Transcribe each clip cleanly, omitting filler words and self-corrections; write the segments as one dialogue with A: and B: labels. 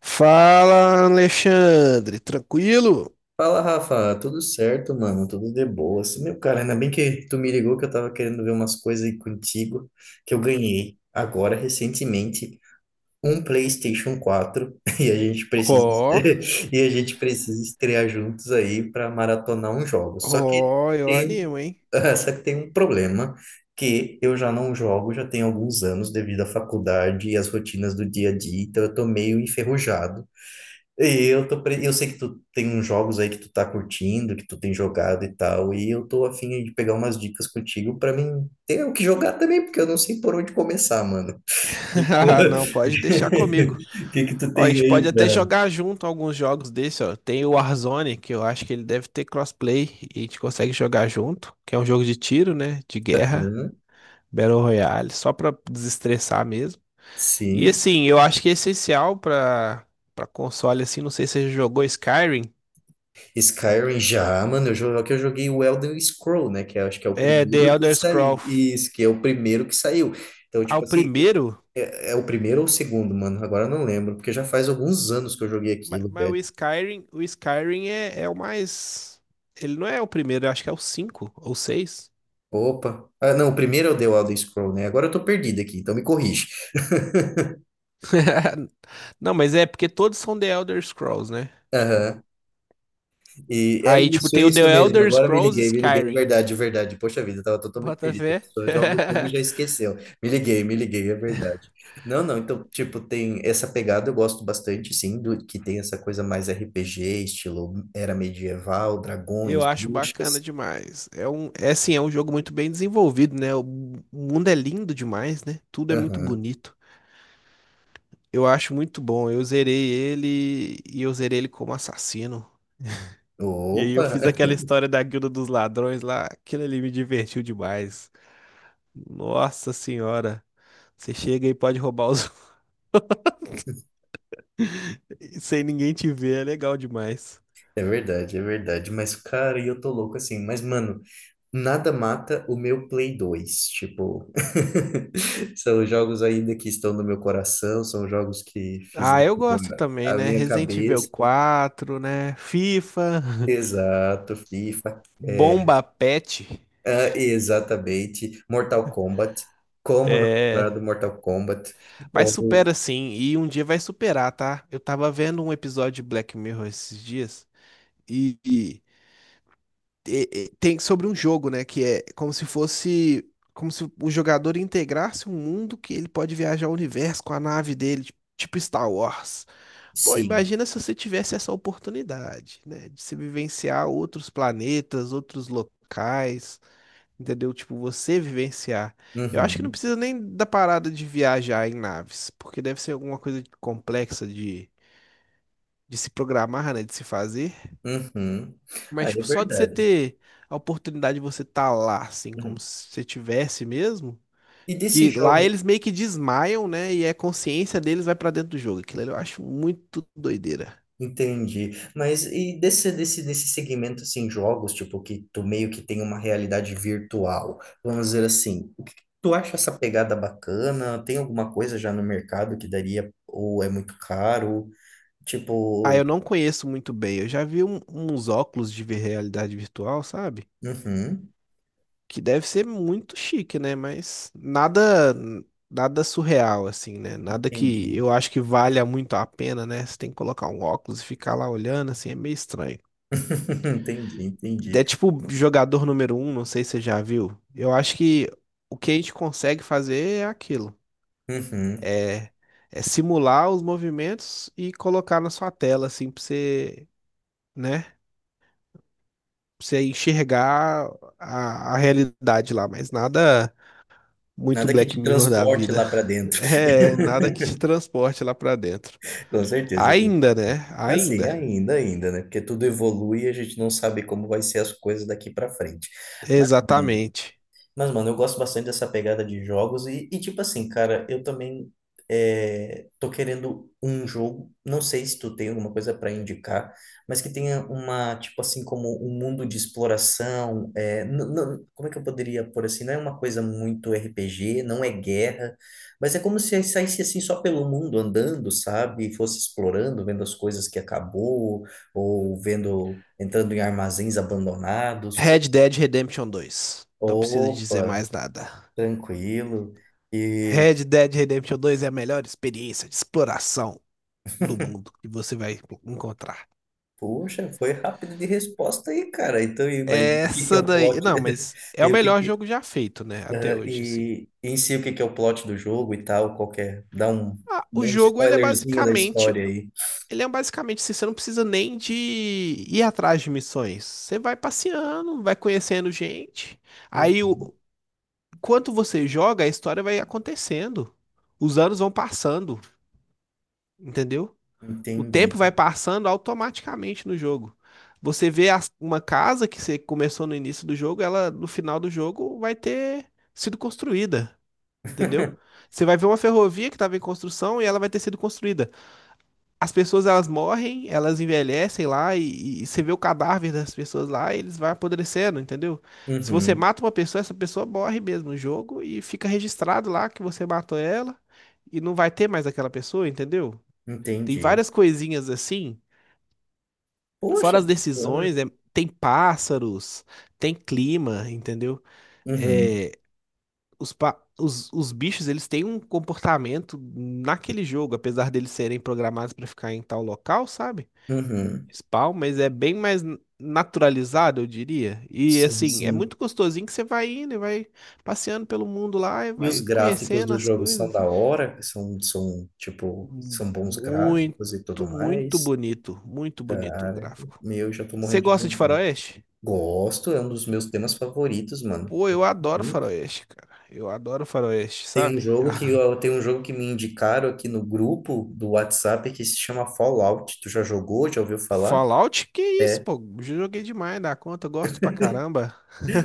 A: Fala, Alexandre, tranquilo?
B: Fala, Rafa, tudo certo, mano? Tudo de boa. Assim, meu cara, ainda bem que tu me ligou, que eu tava querendo ver umas coisas aí contigo que eu ganhei agora recentemente um PlayStation 4 e a gente precisa
A: Ó,
B: e a gente precisa estrear juntos aí para maratonar um jogo. Só que
A: ó, eu
B: tem
A: animo, hein?
B: só que tem um problema, que eu já não jogo já tem alguns anos devido à faculdade e às rotinas do dia a dia, então eu tô meio enferrujado. E eu tô, eu sei que tu tem uns jogos aí que tu tá curtindo, que tu tem jogado e tal, e eu tô afim de pegar umas dicas contigo pra mim ter o que jogar também, porque eu não sei por onde começar, mano. O que que tu,
A: Não, pode deixar comigo.
B: o que que tu
A: Ó, a
B: tem
A: gente pode
B: aí
A: até
B: pra...
A: jogar junto alguns jogos desse, ó. Tem o Warzone, que eu acho que ele deve ter crossplay e a gente consegue jogar junto, que é um jogo de tiro, né? De guerra,
B: Hã?
A: Battle Royale, só pra desestressar mesmo. E
B: Sim.
A: assim, eu acho que é essencial pra, pra console, assim, não sei se você já jogou Skyrim,
B: Skyrim já, mano, eu jogo que eu joguei o Elder Scroll, né, que eu acho que é o
A: é The
B: primeiro que
A: Elder
B: saiu.
A: Scrolls.
B: Isso, que é o primeiro que saiu. Então,
A: Ah, o
B: tipo assim, é,
A: primeiro?
B: é o primeiro ou o segundo, mano? Agora eu não lembro, porque já faz alguns anos que eu joguei aquilo,
A: Mas
B: velho.
A: o Skyrim, é o mais. Ele não é o primeiro, eu acho que é o cinco ou seis.
B: Opa. Ah, não, o primeiro é o The Elder Scroll, né? Agora eu tô perdido aqui, então me corrige.
A: Não, mas é porque todos são The Elder Scrolls, né? Tipo.
B: Aham. E é
A: Aí, tipo,
B: isso,
A: tem o
B: isso
A: The
B: mesmo.
A: Elder
B: Agora me
A: Scrolls
B: liguei, me liguei. É
A: Skyrim.
B: verdade, é verdade. Poxa vida, eu tava totalmente
A: Bota
B: perdido. A
A: fé.
B: pessoa joga o jogo e já esqueceu. Me liguei, é verdade. Não, não, então, tipo, tem essa pegada, eu gosto bastante, sim, do que tem essa coisa mais RPG, estilo era medieval,
A: Eu
B: dragões,
A: acho bacana
B: bruxas.
A: demais. É assim, é um jogo muito bem desenvolvido, né? O mundo é lindo demais, né? Tudo é muito
B: Aham.
A: bonito. Eu acho muito bom. Eu zerei ele e eu zerei ele como assassino. E aí
B: Opa!
A: eu fiz aquela história da Guilda dos Ladrões lá, aquilo ali me divertiu demais. Nossa senhora, você chega e pode roubar os sem ninguém te ver, é legal demais.
B: É verdade, é verdade. Mas, cara, e eu tô louco assim. Mas, mano, nada mata o meu Play 2, tipo, são jogos ainda que estão no meu coração, são jogos que
A: Ah,
B: fizeram
A: eu gosto também,
B: a
A: né?
B: minha
A: Resident Evil
B: cabeça.
A: quatro, né? FIFA,
B: Exato, FIFA, é,
A: Bomba Pet.
B: ah, exatamente. Mortal Kombat, como não lembrar
A: É,
B: do Mortal Kombat,
A: mas
B: ou
A: supera sim, e um dia vai superar, tá? Eu tava vendo um episódio de Black Mirror esses dias e, e e tem sobre um jogo, né? Que é como se fosse. Como se o jogador integrasse um mundo que ele pode viajar o universo com a nave dele, tipo Star Wars. Pô,
B: sim,
A: imagina se você tivesse essa oportunidade, né? De se vivenciar outros planetas, outros locais, entendeu? Tipo, você vivenciar. Eu acho que não
B: uhum,
A: precisa nem da parada de viajar em naves, porque deve ser alguma coisa complexa de se programar, né? De se fazer.
B: uhum. Ah,
A: Mas,
B: é
A: tipo, só de você
B: verdade.
A: ter a oportunidade de você estar lá, assim, como
B: Uhum.
A: se você tivesse mesmo.
B: E desses
A: Que lá
B: jogos.
A: eles meio que desmaiam, né? E a consciência deles vai pra dentro do jogo. Aquilo ali eu acho muito doideira.
B: Entendi. Mas e desse segmento, assim, jogos, tipo, que tu meio que tem uma realidade virtual, vamos dizer assim, o que que tu acha essa pegada bacana? Tem alguma coisa já no mercado que daria, ou é muito caro?
A: Ah, eu
B: Tipo,
A: não conheço muito bem. Eu já vi uns óculos de realidade virtual, sabe?
B: uhum,
A: Que deve ser muito chique, né? Mas nada, nada surreal, assim, né? Nada que
B: entendi.
A: eu acho que valha muito a pena, né? Você tem que colocar um óculos e ficar lá olhando, assim, é meio estranho.
B: Entendi, entendi.
A: É tipo jogador número um, não sei se você já viu. Eu acho que o que a gente consegue fazer é aquilo.
B: Uhum.
A: É, é simular os movimentos e colocar na sua tela, assim, pra você, né? Pra você enxergar a realidade lá, mas nada muito
B: Nada que
A: Black
B: te
A: Mirror da
B: transporte
A: vida.
B: lá para dentro.
A: É, nada que te transporte lá pra dentro.
B: Com certeza.
A: Ainda, né?
B: Assim,
A: Ainda.
B: ainda, ainda, né? Porque tudo evolui e a gente não sabe como vai ser as coisas daqui para frente. Mas hum,
A: Exatamente.
B: mas, mano, eu gosto bastante dessa pegada de jogos e tipo assim, cara, eu também é, tô querendo um jogo, não sei se tu tem alguma coisa para indicar, mas que tenha uma, tipo assim, como um mundo de exploração, é, como é que eu poderia pôr assim, não é uma coisa muito RPG, não é guerra, mas é como se eu saísse assim só pelo mundo andando, sabe? E fosse explorando, vendo as coisas que acabou, ou vendo, entrando em armazéns abandonados,
A: Red
B: coisas.
A: Dead Redemption dois. Não preciso dizer
B: Opa!
A: mais nada.
B: Tranquilo. E,
A: Red Dead Redemption 2 é a melhor experiência de exploração do mundo que você vai encontrar.
B: poxa, foi rápido de resposta aí, cara. Então, e, mas o que que é
A: Essa
B: o
A: daí.
B: plot?
A: Não, mas é o
B: E,
A: melhor jogo já feito, né? Até
B: ah,
A: hoje, assim.
B: e em si, o que que é o plot do jogo e tal? Qual que é? Dá um,
A: Ah, o
B: um
A: jogo, ele é
B: spoilerzinho da
A: basicamente.
B: história aí.
A: Ele é basicamente assim, você não precisa nem de ir atrás de missões. Você vai passeando, vai conhecendo gente.
B: Hum,
A: Aí, o... enquanto você joga, a história vai acontecendo. Os anos vão passando, entendeu? O
B: Entendi.
A: tempo vai passando automaticamente no jogo. Você vê uma casa que você começou no início do jogo, ela no final do jogo vai ter sido construída, entendeu? Você vai ver uma ferrovia que estava em construção e ela vai ter sido construída. As pessoas elas morrem, elas envelhecem lá e você vê o cadáver das pessoas lá, e eles vão apodrecendo, entendeu? Se você
B: Uhum,
A: mata uma pessoa, essa pessoa morre mesmo no jogo e fica registrado lá que você matou ela e não vai ter mais aquela pessoa, entendeu? Tem
B: entendi.
A: várias coisinhas assim.
B: Poxa,
A: Fora as
B: bacana.
A: decisões, é- tem pássaros, tem clima, entendeu?
B: Uhum,
A: É, os bichos, eles têm um comportamento naquele jogo, apesar deles serem programados para ficar em tal local, sabe?
B: uhum.
A: Spawn, mas é bem mais naturalizado, eu diria. E
B: Sim,
A: assim, é
B: sim.
A: muito gostosinho que você vai indo e vai passeando pelo mundo lá e
B: E os
A: vai
B: gráficos
A: conhecendo
B: do
A: as
B: jogo são
A: coisas.
B: da hora? São, são, tipo, são bons gráficos e tudo
A: Muito,
B: mais?
A: muito bonito o
B: Cara,
A: gráfico.
B: meu, já tô
A: Você
B: morrendo de
A: gosta de
B: vontade.
A: faroeste?
B: Gosto, é um dos meus temas favoritos, mano.
A: Pô, eu adoro
B: Muito.
A: faroeste, cara. Eu adoro faroeste,
B: Tem um
A: sabe?
B: jogo que eu, tem um jogo que me indicaram aqui no grupo do WhatsApp que se chama Fallout. Tu já jogou? Já ouviu falar?
A: Fallout, que isso, pô? Joguei demais dá conta, eu gosto pra caramba.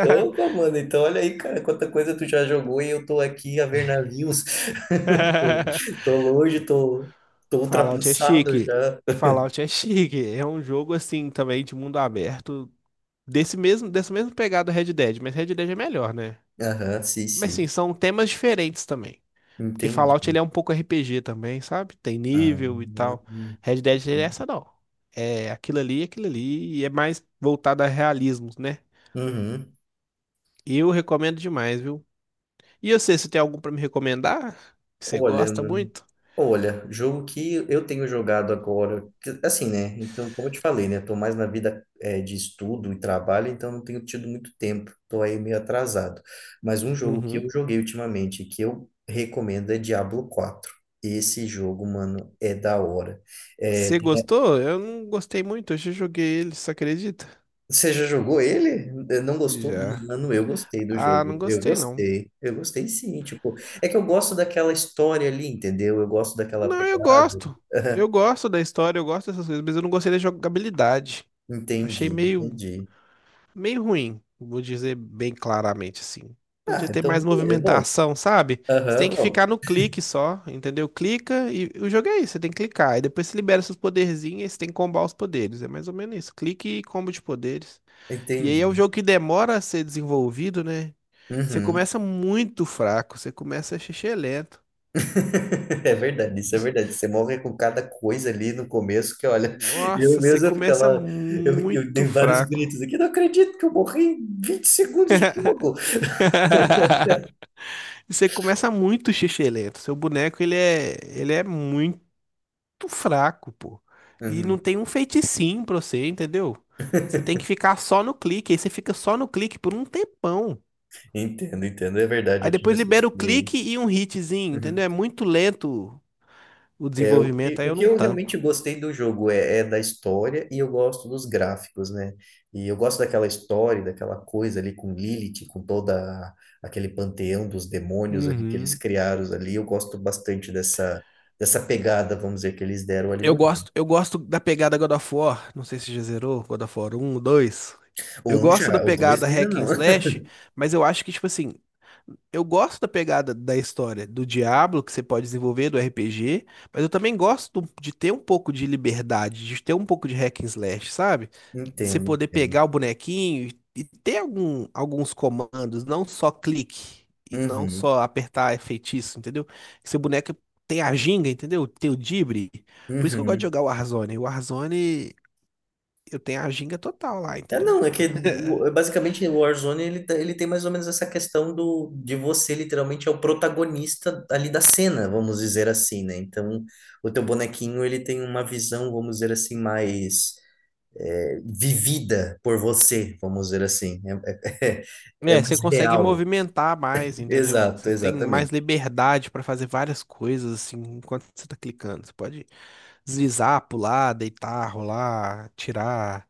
B: Opa, mano, então olha aí, cara, quanta coisa tu já jogou e eu tô aqui a ver navios. Tô, tô longe, tô, tô
A: Fallout é
B: ultrapassado
A: chique.
B: já.
A: Fallout é chique. É um jogo assim também de mundo aberto, desse mesmo, dessa mesma pegada do Red Dead, mas Red Dead é melhor, né?
B: Aham, sim,
A: Mas sim,
B: sim.
A: são temas diferentes também. Porque
B: Entendi.
A: Fallout ele é um pouco RPG também, sabe? Tem
B: Ah,
A: nível e tal. Red Dead ele é essa não. É aquilo ali, e é mais voltado a realismos, né?
B: uhum.
A: Eu recomendo demais, viu? E eu sei se tem algum pra me recomendar? Que você
B: Olha,
A: gosta
B: mano.
A: muito?
B: Olha, jogo que eu tenho jogado agora, assim, né? Então, como eu te falei, né? Eu tô mais na vida de estudo e trabalho, então não tenho tido muito tempo, tô aí meio atrasado. Mas um jogo que
A: Uhum.
B: eu joguei ultimamente, que eu recomendo, é Diablo 4. Esse jogo, mano, é da hora. É,
A: Você gostou? Eu não gostei muito, eu já joguei ele, você acredita?
B: você já jogou ele? É, não gostou?
A: Já.
B: Mano, eu gostei do
A: Ah, não
B: jogo. Eu
A: gostei não.
B: gostei. Eu gostei sim, tipo, é que eu gosto daquela história ali, entendeu? Eu gosto daquela
A: Não, eu
B: pegada.
A: gosto. Eu gosto da história, eu gosto dessas coisas, mas eu não gostei da jogabilidade. Achei
B: Entendi,
A: meio
B: entendi.
A: meio ruim, vou dizer bem claramente assim.
B: Ah,
A: Podia ter mais
B: então, é bom.
A: movimentação, sabe? Você tem
B: Aham,
A: que
B: bom.
A: ficar no clique só, entendeu? Clica e o jogo é isso, você tem que clicar. E depois você libera seus poderzinhos e você tem que combar os poderes. É mais ou menos isso. Clique e combo de poderes. E aí é
B: Entendi.
A: um jogo que demora a ser desenvolvido, né? Você
B: Uhum.
A: começa muito fraco, você começa xixi, é lento.
B: É verdade, isso é verdade. Você morre com cada coisa ali no começo que, olha, eu
A: Nossa, você
B: mesmo eu
A: começa
B: ficava. Eu
A: muito
B: dei vários
A: fraco.
B: gritos aqui, não acredito que eu morri em 20 segundos de jogo.
A: Você começa muito xixi. Seu boneco, ele é muito muito fraco, pô. E não
B: Uhum.
A: tem um feiticinho pra você, entendeu? Você tem que ficar só no clique, aí você fica só no clique por um tempão.
B: Entendo, entendo. É verdade,
A: Aí
B: eu tive
A: depois
B: essa
A: libera o clique
B: experiência.
A: e um hitzinho,
B: Uhum.
A: entendeu? É muito lento o
B: É,
A: desenvolvimento, aí
B: o
A: eu
B: que
A: não
B: eu realmente
A: tanco.
B: gostei do jogo é, é da história e eu gosto dos gráficos, né? E eu gosto daquela história, daquela coisa ali com Lilith, com toda aquele panteão dos demônios ali que eles
A: Uhum.
B: criaram ali. Eu gosto bastante dessa, dessa pegada, vamos dizer, que eles deram ali no.
A: Eu gosto da pegada God of War. Não sei se já zerou God of War um, 2.
B: O
A: Eu
B: um
A: gosto da
B: já, o dois
A: pegada
B: ainda
A: hack and
B: não.
A: slash, mas eu acho que, tipo assim, eu gosto da pegada da história do Diablo, que você pode desenvolver, do RPG, mas eu também gosto de ter um pouco de liberdade, de ter um pouco de hack and slash, sabe? De você
B: Entendo,
A: poder
B: entendo.
A: pegar o bonequinho e ter algum, alguns comandos, não só clique e não
B: Uhum,
A: só apertar feitiço, entendeu? Que seu boneco tem a ginga, entendeu? Tem o drible. Por isso que eu gosto de
B: uhum.
A: jogar o Warzone. O Warzone, eu tenho a ginga total lá,
B: É,
A: entendeu?
B: não, é que é basicamente o Warzone ele, ele tem mais ou menos essa questão do de você literalmente é o protagonista ali da cena, vamos dizer assim, né? Então, o teu bonequinho ele tem uma visão, vamos dizer assim, mais é, vivida por você, vamos dizer assim. É, é, é
A: É, você
B: mais
A: consegue
B: real.
A: movimentar mais, entendeu?
B: Exato,
A: Você tem mais
B: exatamente.
A: liberdade pra fazer várias coisas, assim, enquanto você tá clicando. Você pode deslizar, pular, deitar, rolar, tirar,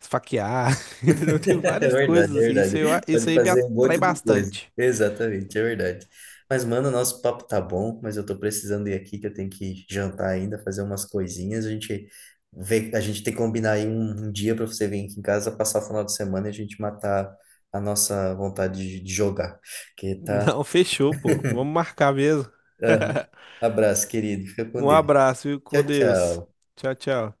A: esfaquear, entendeu? Tem
B: É
A: várias
B: verdade,
A: coisas,
B: é
A: assim. Isso, eu,
B: verdade.
A: isso
B: Pode
A: aí me
B: fazer um
A: atrai
B: monte de coisa.
A: bastante.
B: Exatamente, é verdade. Mas, mano, nosso papo tá bom, mas eu tô precisando ir aqui, que eu tenho que jantar ainda, fazer umas coisinhas. A gente vê, a gente tem que combinar aí um dia para você vir aqui em casa, passar o final de semana e a gente matar a nossa vontade de jogar. Que tá.
A: Não, fechou, pô. Vamos marcar mesmo.
B: Aham. Abraço, querido. Fica com
A: Um
B: Deus.
A: abraço, viu? Com
B: Tchau,
A: Deus.
B: tchau.
A: Tchau, tchau.